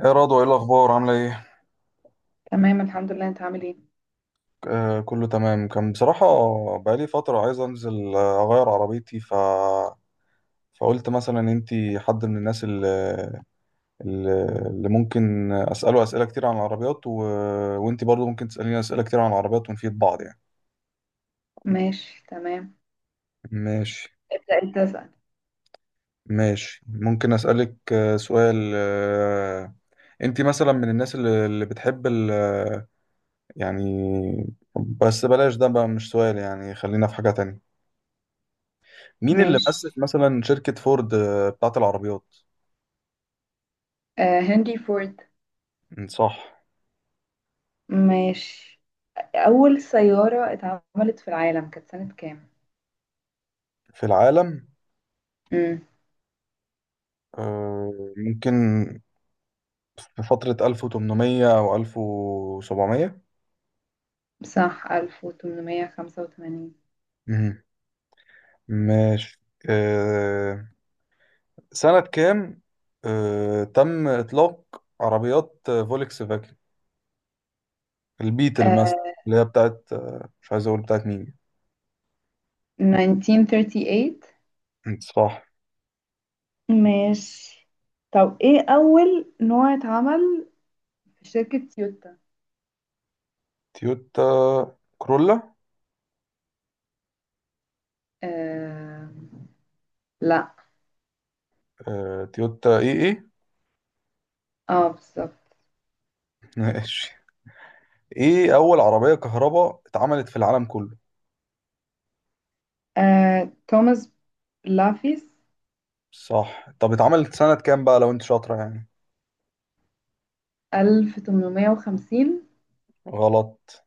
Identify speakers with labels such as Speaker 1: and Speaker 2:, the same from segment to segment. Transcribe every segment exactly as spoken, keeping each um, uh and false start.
Speaker 1: ايه رضوى، ايه الاخبار؟ عامله ايه؟
Speaker 2: تمام، الحمد لله، انت عامل ايه؟
Speaker 1: آه كله تمام. كان بصراحه بقالي فتره عايز انزل، آه، اغير عربيتي، ف فقلت مثلا انتي حد من الناس اللي, اللي ممكن اساله اسئله كتير عن العربيات، و... وانتي برضو ممكن تساليني اسئله كتير عن العربيات ونفيد بعض يعني.
Speaker 2: ماشي، تمام.
Speaker 1: ماشي.
Speaker 2: ابدأ، انت اسأل.
Speaker 1: ماشي، ممكن اسالك آه، سؤال؟ آه، انتي مثلا من الناس اللي, اللي بتحب ال... يعني بس بلاش ده بقى، مش سؤال يعني، خلينا في حاجه تانية. مين اللي
Speaker 2: ماشي.
Speaker 1: مؤسس مثلا شركة فورد آه، بتاعت العربيات؟
Speaker 2: آه هنري فورد.
Speaker 1: م، صح.
Speaker 2: ماشي. أول سيارة اتعملت في العالم كانت سنة كام؟
Speaker 1: في العالم؟
Speaker 2: امم.
Speaker 1: آه، ممكن في فترة ألف وتمنمية أو ألف وسبعمية.
Speaker 2: صح، ألف تمنمية خمسة وتمانين.
Speaker 1: مهم. ماشي. آه، سنة كام آه، تم إطلاق عربيات آه، فولكس فاجن البيتل مثلا؟
Speaker 2: آه
Speaker 1: اللي هي بتاعت، آه، مش عايز أقول بتاعت مين.
Speaker 2: ألف تسعمية تمنية وتلاتين.
Speaker 1: م، صح.
Speaker 2: ماشي، طب ايه أول نوع اتعمل في شركة تويوتا؟
Speaker 1: تويوتا كرولا.
Speaker 2: آه لا.
Speaker 1: آه، تويوتا إيه إيه.
Speaker 2: اه، بالظبط.
Speaker 1: ماشي. ايه اول عربيه كهرباء اتعملت في العالم كله؟
Speaker 2: آه توماس لافيس.
Speaker 1: صح. طب اتعملت سنة كام بقى لو انت شاطرة يعني؟
Speaker 2: ألف وثمانمائة وخمسين.
Speaker 1: غلط.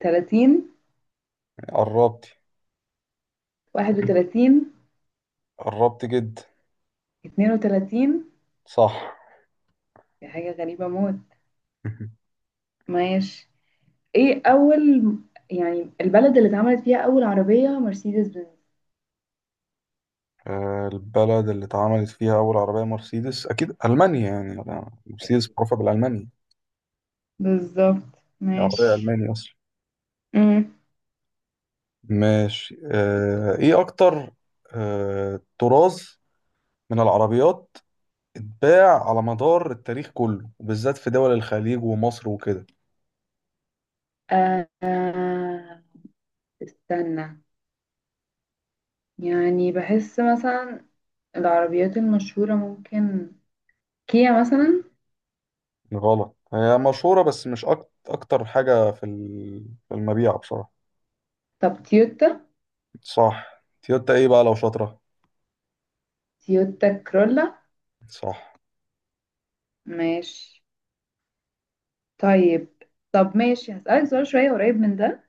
Speaker 2: تلاتين.
Speaker 1: قربتي.
Speaker 2: واحد وثلاثين.
Speaker 1: قربتي جدا.
Speaker 2: اتنين وتلاتين.
Speaker 1: صح.
Speaker 2: دي حاجة غريبة موت. ماشي. ايه اول، يعني البلد اللي اتعملت فيها اول عربية مرسيدس بنز؟
Speaker 1: آه، البلد اللي اتعملت فيها أول عربية مرسيدس أكيد ألمانيا يعني. أنا- مرسيدس
Speaker 2: اكيد،
Speaker 1: معروفة بالألمانيا.
Speaker 2: بالظبط.
Speaker 1: عربية
Speaker 2: ماشي.
Speaker 1: ألمانية أصلا.
Speaker 2: امم.
Speaker 1: ماشي. آه، إيه أكتر آه، طراز من العربيات اتباع على مدار التاريخ كله، وبالذات في دول الخليج ومصر وكده؟
Speaker 2: آه آه، استنى. يعني بحس مثلا العربيات المشهورة، ممكن كيا مثلا.
Speaker 1: غلط. هي مشهورة بس مش أك- أكتر حاجة في ال- في المبيع بصراحة.
Speaker 2: طب تويوتا؟
Speaker 1: صح. تيوتا ايه بقى لو شاطرة؟
Speaker 2: تويوتا كرولا.
Speaker 1: صح.
Speaker 2: ماشي. طيب، طب ماشي، هسألك سؤال شوية قريب من ده.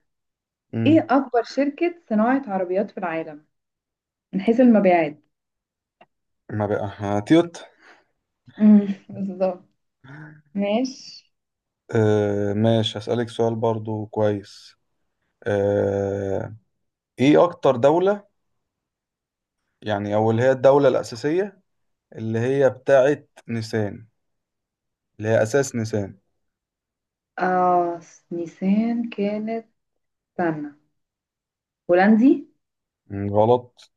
Speaker 2: ايه
Speaker 1: امم.
Speaker 2: اكبر شركة صناعة عربيات في العالم من حيث المبيعات؟
Speaker 1: ما بقى، ها، تيوتا.
Speaker 2: امم، بالظبط. ماشي.
Speaker 1: آه ماشي، هسألك سؤال برضو كويس. آه ايه اكتر دولة، يعني او اللي هي الدولة الأساسية، اللي هي بتاعت نيسان، اللي هي أساس نيسان؟
Speaker 2: اه س- نيسان كانت، استنى، هولندي.
Speaker 1: مم، غلط.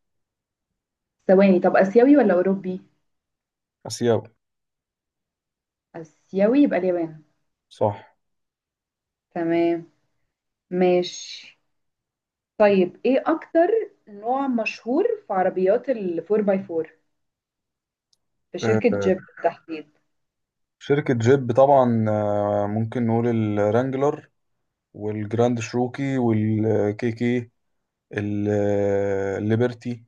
Speaker 2: ثواني، طب اسيوي ولا اوروبي؟
Speaker 1: آسيوي.
Speaker 2: اسيوي يبقى اليابان.
Speaker 1: صح.
Speaker 2: تمام، ماشي. طيب ايه اكتر نوع مشهور في عربيات ال فور باي فور في
Speaker 1: آه
Speaker 2: شركة جيب بالتحديد؟
Speaker 1: شركة جيب طبعا، آه ممكن نقول الرانجلر، والجراند شروكي والكيكي، الليبرتي.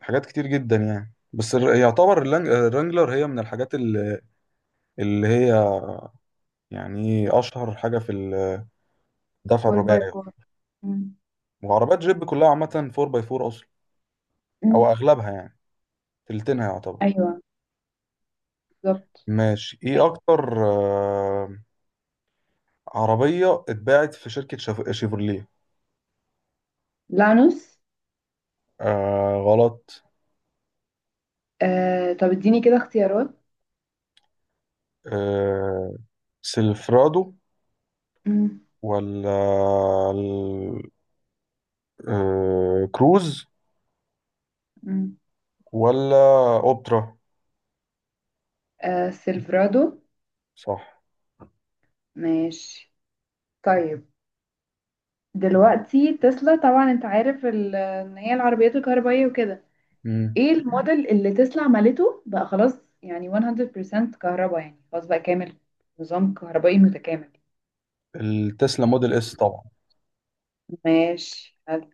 Speaker 1: حاجات كتير جدا يعني. بس الر- يعتبر اللانج- الرانجلر هي من الحاجات ال- اللي هي، يعني اشهر حاجه في الدفع
Speaker 2: أربعة باي
Speaker 1: الرباعي.
Speaker 2: أربعة. امم.
Speaker 1: وعربيات جيب كلها عامه اربعة باي اربعة اصلا،
Speaker 2: مم.
Speaker 1: او اغلبها يعني، تلتينها يعتبر.
Speaker 2: ايوه، بالظبط.
Speaker 1: ماشي، ايه
Speaker 2: ماشي،
Speaker 1: اكتر آه، عربيه اتباعت في شركه شف- شيفروليه؟
Speaker 2: لانوس.
Speaker 1: آه غلط.
Speaker 2: آه طب اديني كده اختيارات.
Speaker 1: آه سيلفرادو، ولا ال- آه كروز،
Speaker 2: مم.
Speaker 1: ولا اوبترا؟
Speaker 2: آه سيلفرادو.
Speaker 1: صح.
Speaker 2: ماشي. طيب، دلوقتي تسلا طبعا انت عارف ال- ان هي العربيات الكهربائية وكده.
Speaker 1: مم.
Speaker 2: ايه الموديل اللي تسلا عملته بقى خلاص، يعني مئة بالمئة كهرباء، يعني خلاص بقى كامل، نظام كهربائي متكامل.
Speaker 1: التسلا موديل اس طبعا.
Speaker 2: ماشي حلو.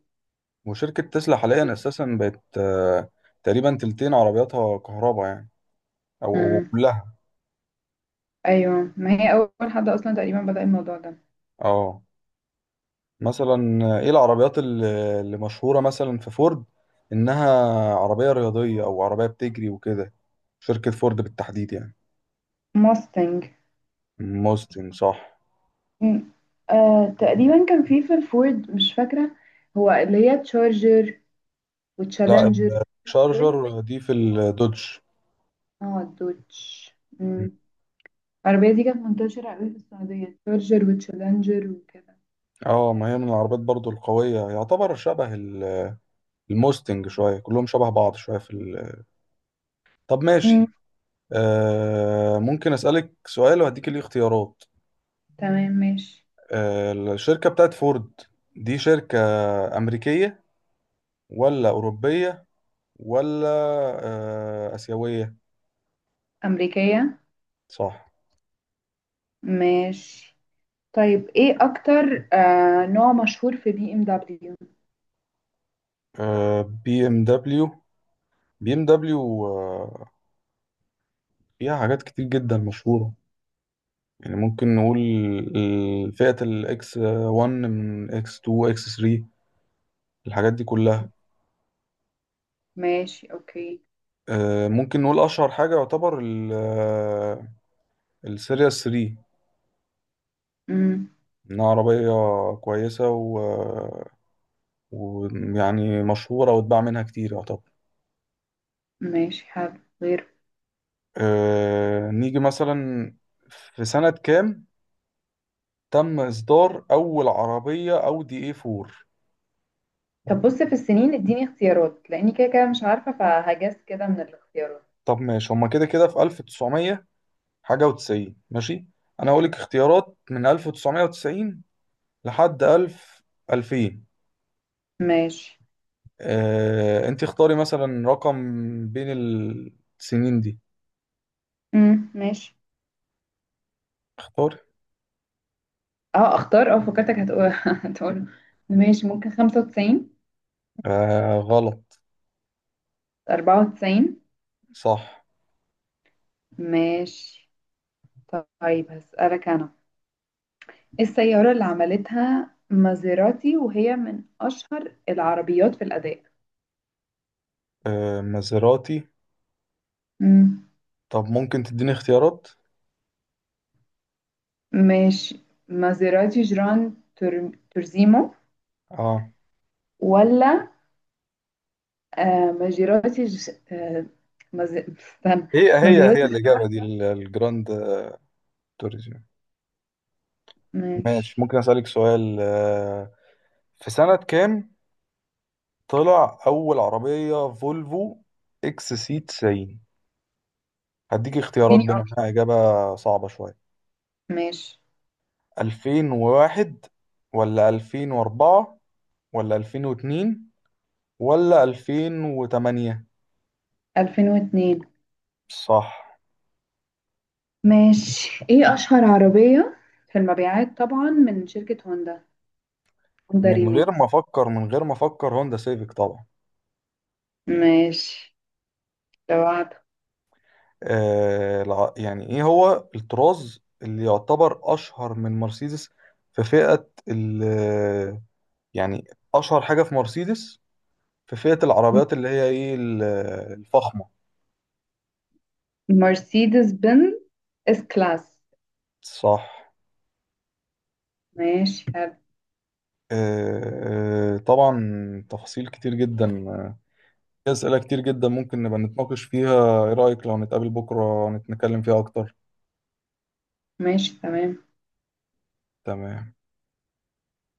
Speaker 1: وشركة تسلا حاليا أساسا بقت، آه، تقريبا تلتين عربياتها كهرباء يعني، أو أو
Speaker 2: مم.
Speaker 1: كلها.
Speaker 2: ايوه، ما هي اول حد اصلا تقريبا بدأ الموضوع ده.
Speaker 1: اه، مثلا آه، إيه العربيات ال- اللي مشهورة مثلا في فورد، إنها عربية رياضية أو عربية بتجري وكده، شركة فورد بالتحديد يعني؟
Speaker 2: موستنج.
Speaker 1: موستنج صح.
Speaker 2: مم. آه تقريبا كان في في الفورد، مش فاكرة. هو اللي هي تشارجر
Speaker 1: لا،
Speaker 2: وتشالنجر. فورد.
Speaker 1: الشارجر دي في الدوج.
Speaker 2: اه، الدوتش. مم. العربية دي كانت منتشرة أوي في السعودية، تشارجر وتشالنجر وكده.
Speaker 1: اه، ما هي من العربيات برضو القوية، يعتبر شبه ال- الموستنج شوية. كلهم شبه بعض شوية في ال... طب
Speaker 2: مم.
Speaker 1: ماشي. آه ممكن أسألك سؤال وهديك ليه اختيارات؟
Speaker 2: تمام، ماشي.
Speaker 1: آه الشركة بتاعت فورد دي شركة أمريكية، ولا أوروبية، ولا آه آسيوية؟
Speaker 2: أمريكية.
Speaker 1: صح.
Speaker 2: ماشي، طيب ايه أكتر آه نوع مشهور في بي ام دبليو؟
Speaker 1: آه بي ام دبليو. بي ام دبليو، آه فيها حاجات كتير جدا مشهورة يعني. ممكن نقول ال- فئة الاكس واحد، من اكس اتنين، اكس تلاتة، الحاجات دي كلها.
Speaker 2: ماشي، اوكي.
Speaker 1: آه ممكن نقول أشهر حاجة يعتبر ال- آه، السيريا تلاتة،
Speaker 2: مم.
Speaker 1: إنها عربية كويسة و... ويعني مشهورة، واتباع منها كتير يعتبر.
Speaker 2: ماشي حلو، غير.
Speaker 1: أه... نيجي مثلا، في سنة كام تم إصدار أول عربية أودي اي اربعة؟
Speaker 2: طب بص، في السنين اديني اختيارات لأني كده كده مش عارفة، فهجس كده من الاختيارات.
Speaker 1: طب ماشي، هما كده كده في ألف وتسعمية حاجة وتسعين. ماشي، أنا هقولك اختيارات من ألف وتسعمية وتسعين لحد ألف ألفين.
Speaker 2: ماشي.
Speaker 1: أه... أنت اختاري مثلا رقم بين السنين دي.
Speaker 2: مم. ماشي.
Speaker 1: اختاري.
Speaker 2: اه اختار، اه فكرتك هتقول هتقول. ماشي، ممكن خمسة وتسعين.
Speaker 1: أه... غلط.
Speaker 2: أربعة وتسعين.
Speaker 1: صح.
Speaker 2: ماشي، طيب هسألك أنا، إيه السيارة اللي عملتها مازيراتي وهي من أشهر العربيات في الأداء؟
Speaker 1: آه، مازيراتي؟
Speaker 2: مم.
Speaker 1: طب ممكن تديني اختيارات؟
Speaker 2: ماشي. مازيراتي جران تور... تورزيمو،
Speaker 1: اه،
Speaker 2: ولا آه مازيراتي ج... آه مز... استنى.
Speaker 1: هي هي هي
Speaker 2: مازيراتي.
Speaker 1: الإجابة دي ال- الجراند توريزم. ماشي،
Speaker 2: ماشي.
Speaker 1: ممكن أسألك سؤال؟ آه، في سنة كام طلع أول عربية فولفو إكس سي تسعين؟ هديك اختيارات
Speaker 2: اديني
Speaker 1: بما
Speaker 2: أكتر.
Speaker 1: إنها إجابة صعبة شوية.
Speaker 2: ماشي.
Speaker 1: ألفين وواحد ولا ألفين واربعة ولا ألفين واتنين ولا ألفين وتمانية؟
Speaker 2: ألفين واثنين.
Speaker 1: صح.
Speaker 2: ماشي، إيه أشهر عربية في المبيعات طبعا من شركة هوندا؟ هوندا
Speaker 1: من غير ما
Speaker 2: ريميكس.
Speaker 1: أفكر، من غير ما أفكر، هوندا سيفيك طبعا.
Speaker 2: ماشي، لو.
Speaker 1: آه، الع- يعني ايه هو الطراز اللي يعتبر اشهر من مرسيدس في فئة ال يعني اشهر حاجة في مرسيدس في فئة العربيات اللي هي ايه ال- الفخمة؟
Speaker 2: مرسيدس بنز اس كلاس.
Speaker 1: صح.
Speaker 2: ماشي حلو.
Speaker 1: آه، آه، طبعا تفاصيل كتير جدا. آه، في أسئلة كتير جدا ممكن نبقى نتناقش فيها. ايه رأيك لو نتقابل بكرة نتكلم فيها اكتر؟
Speaker 2: ماشي، تمام.
Speaker 1: تمام.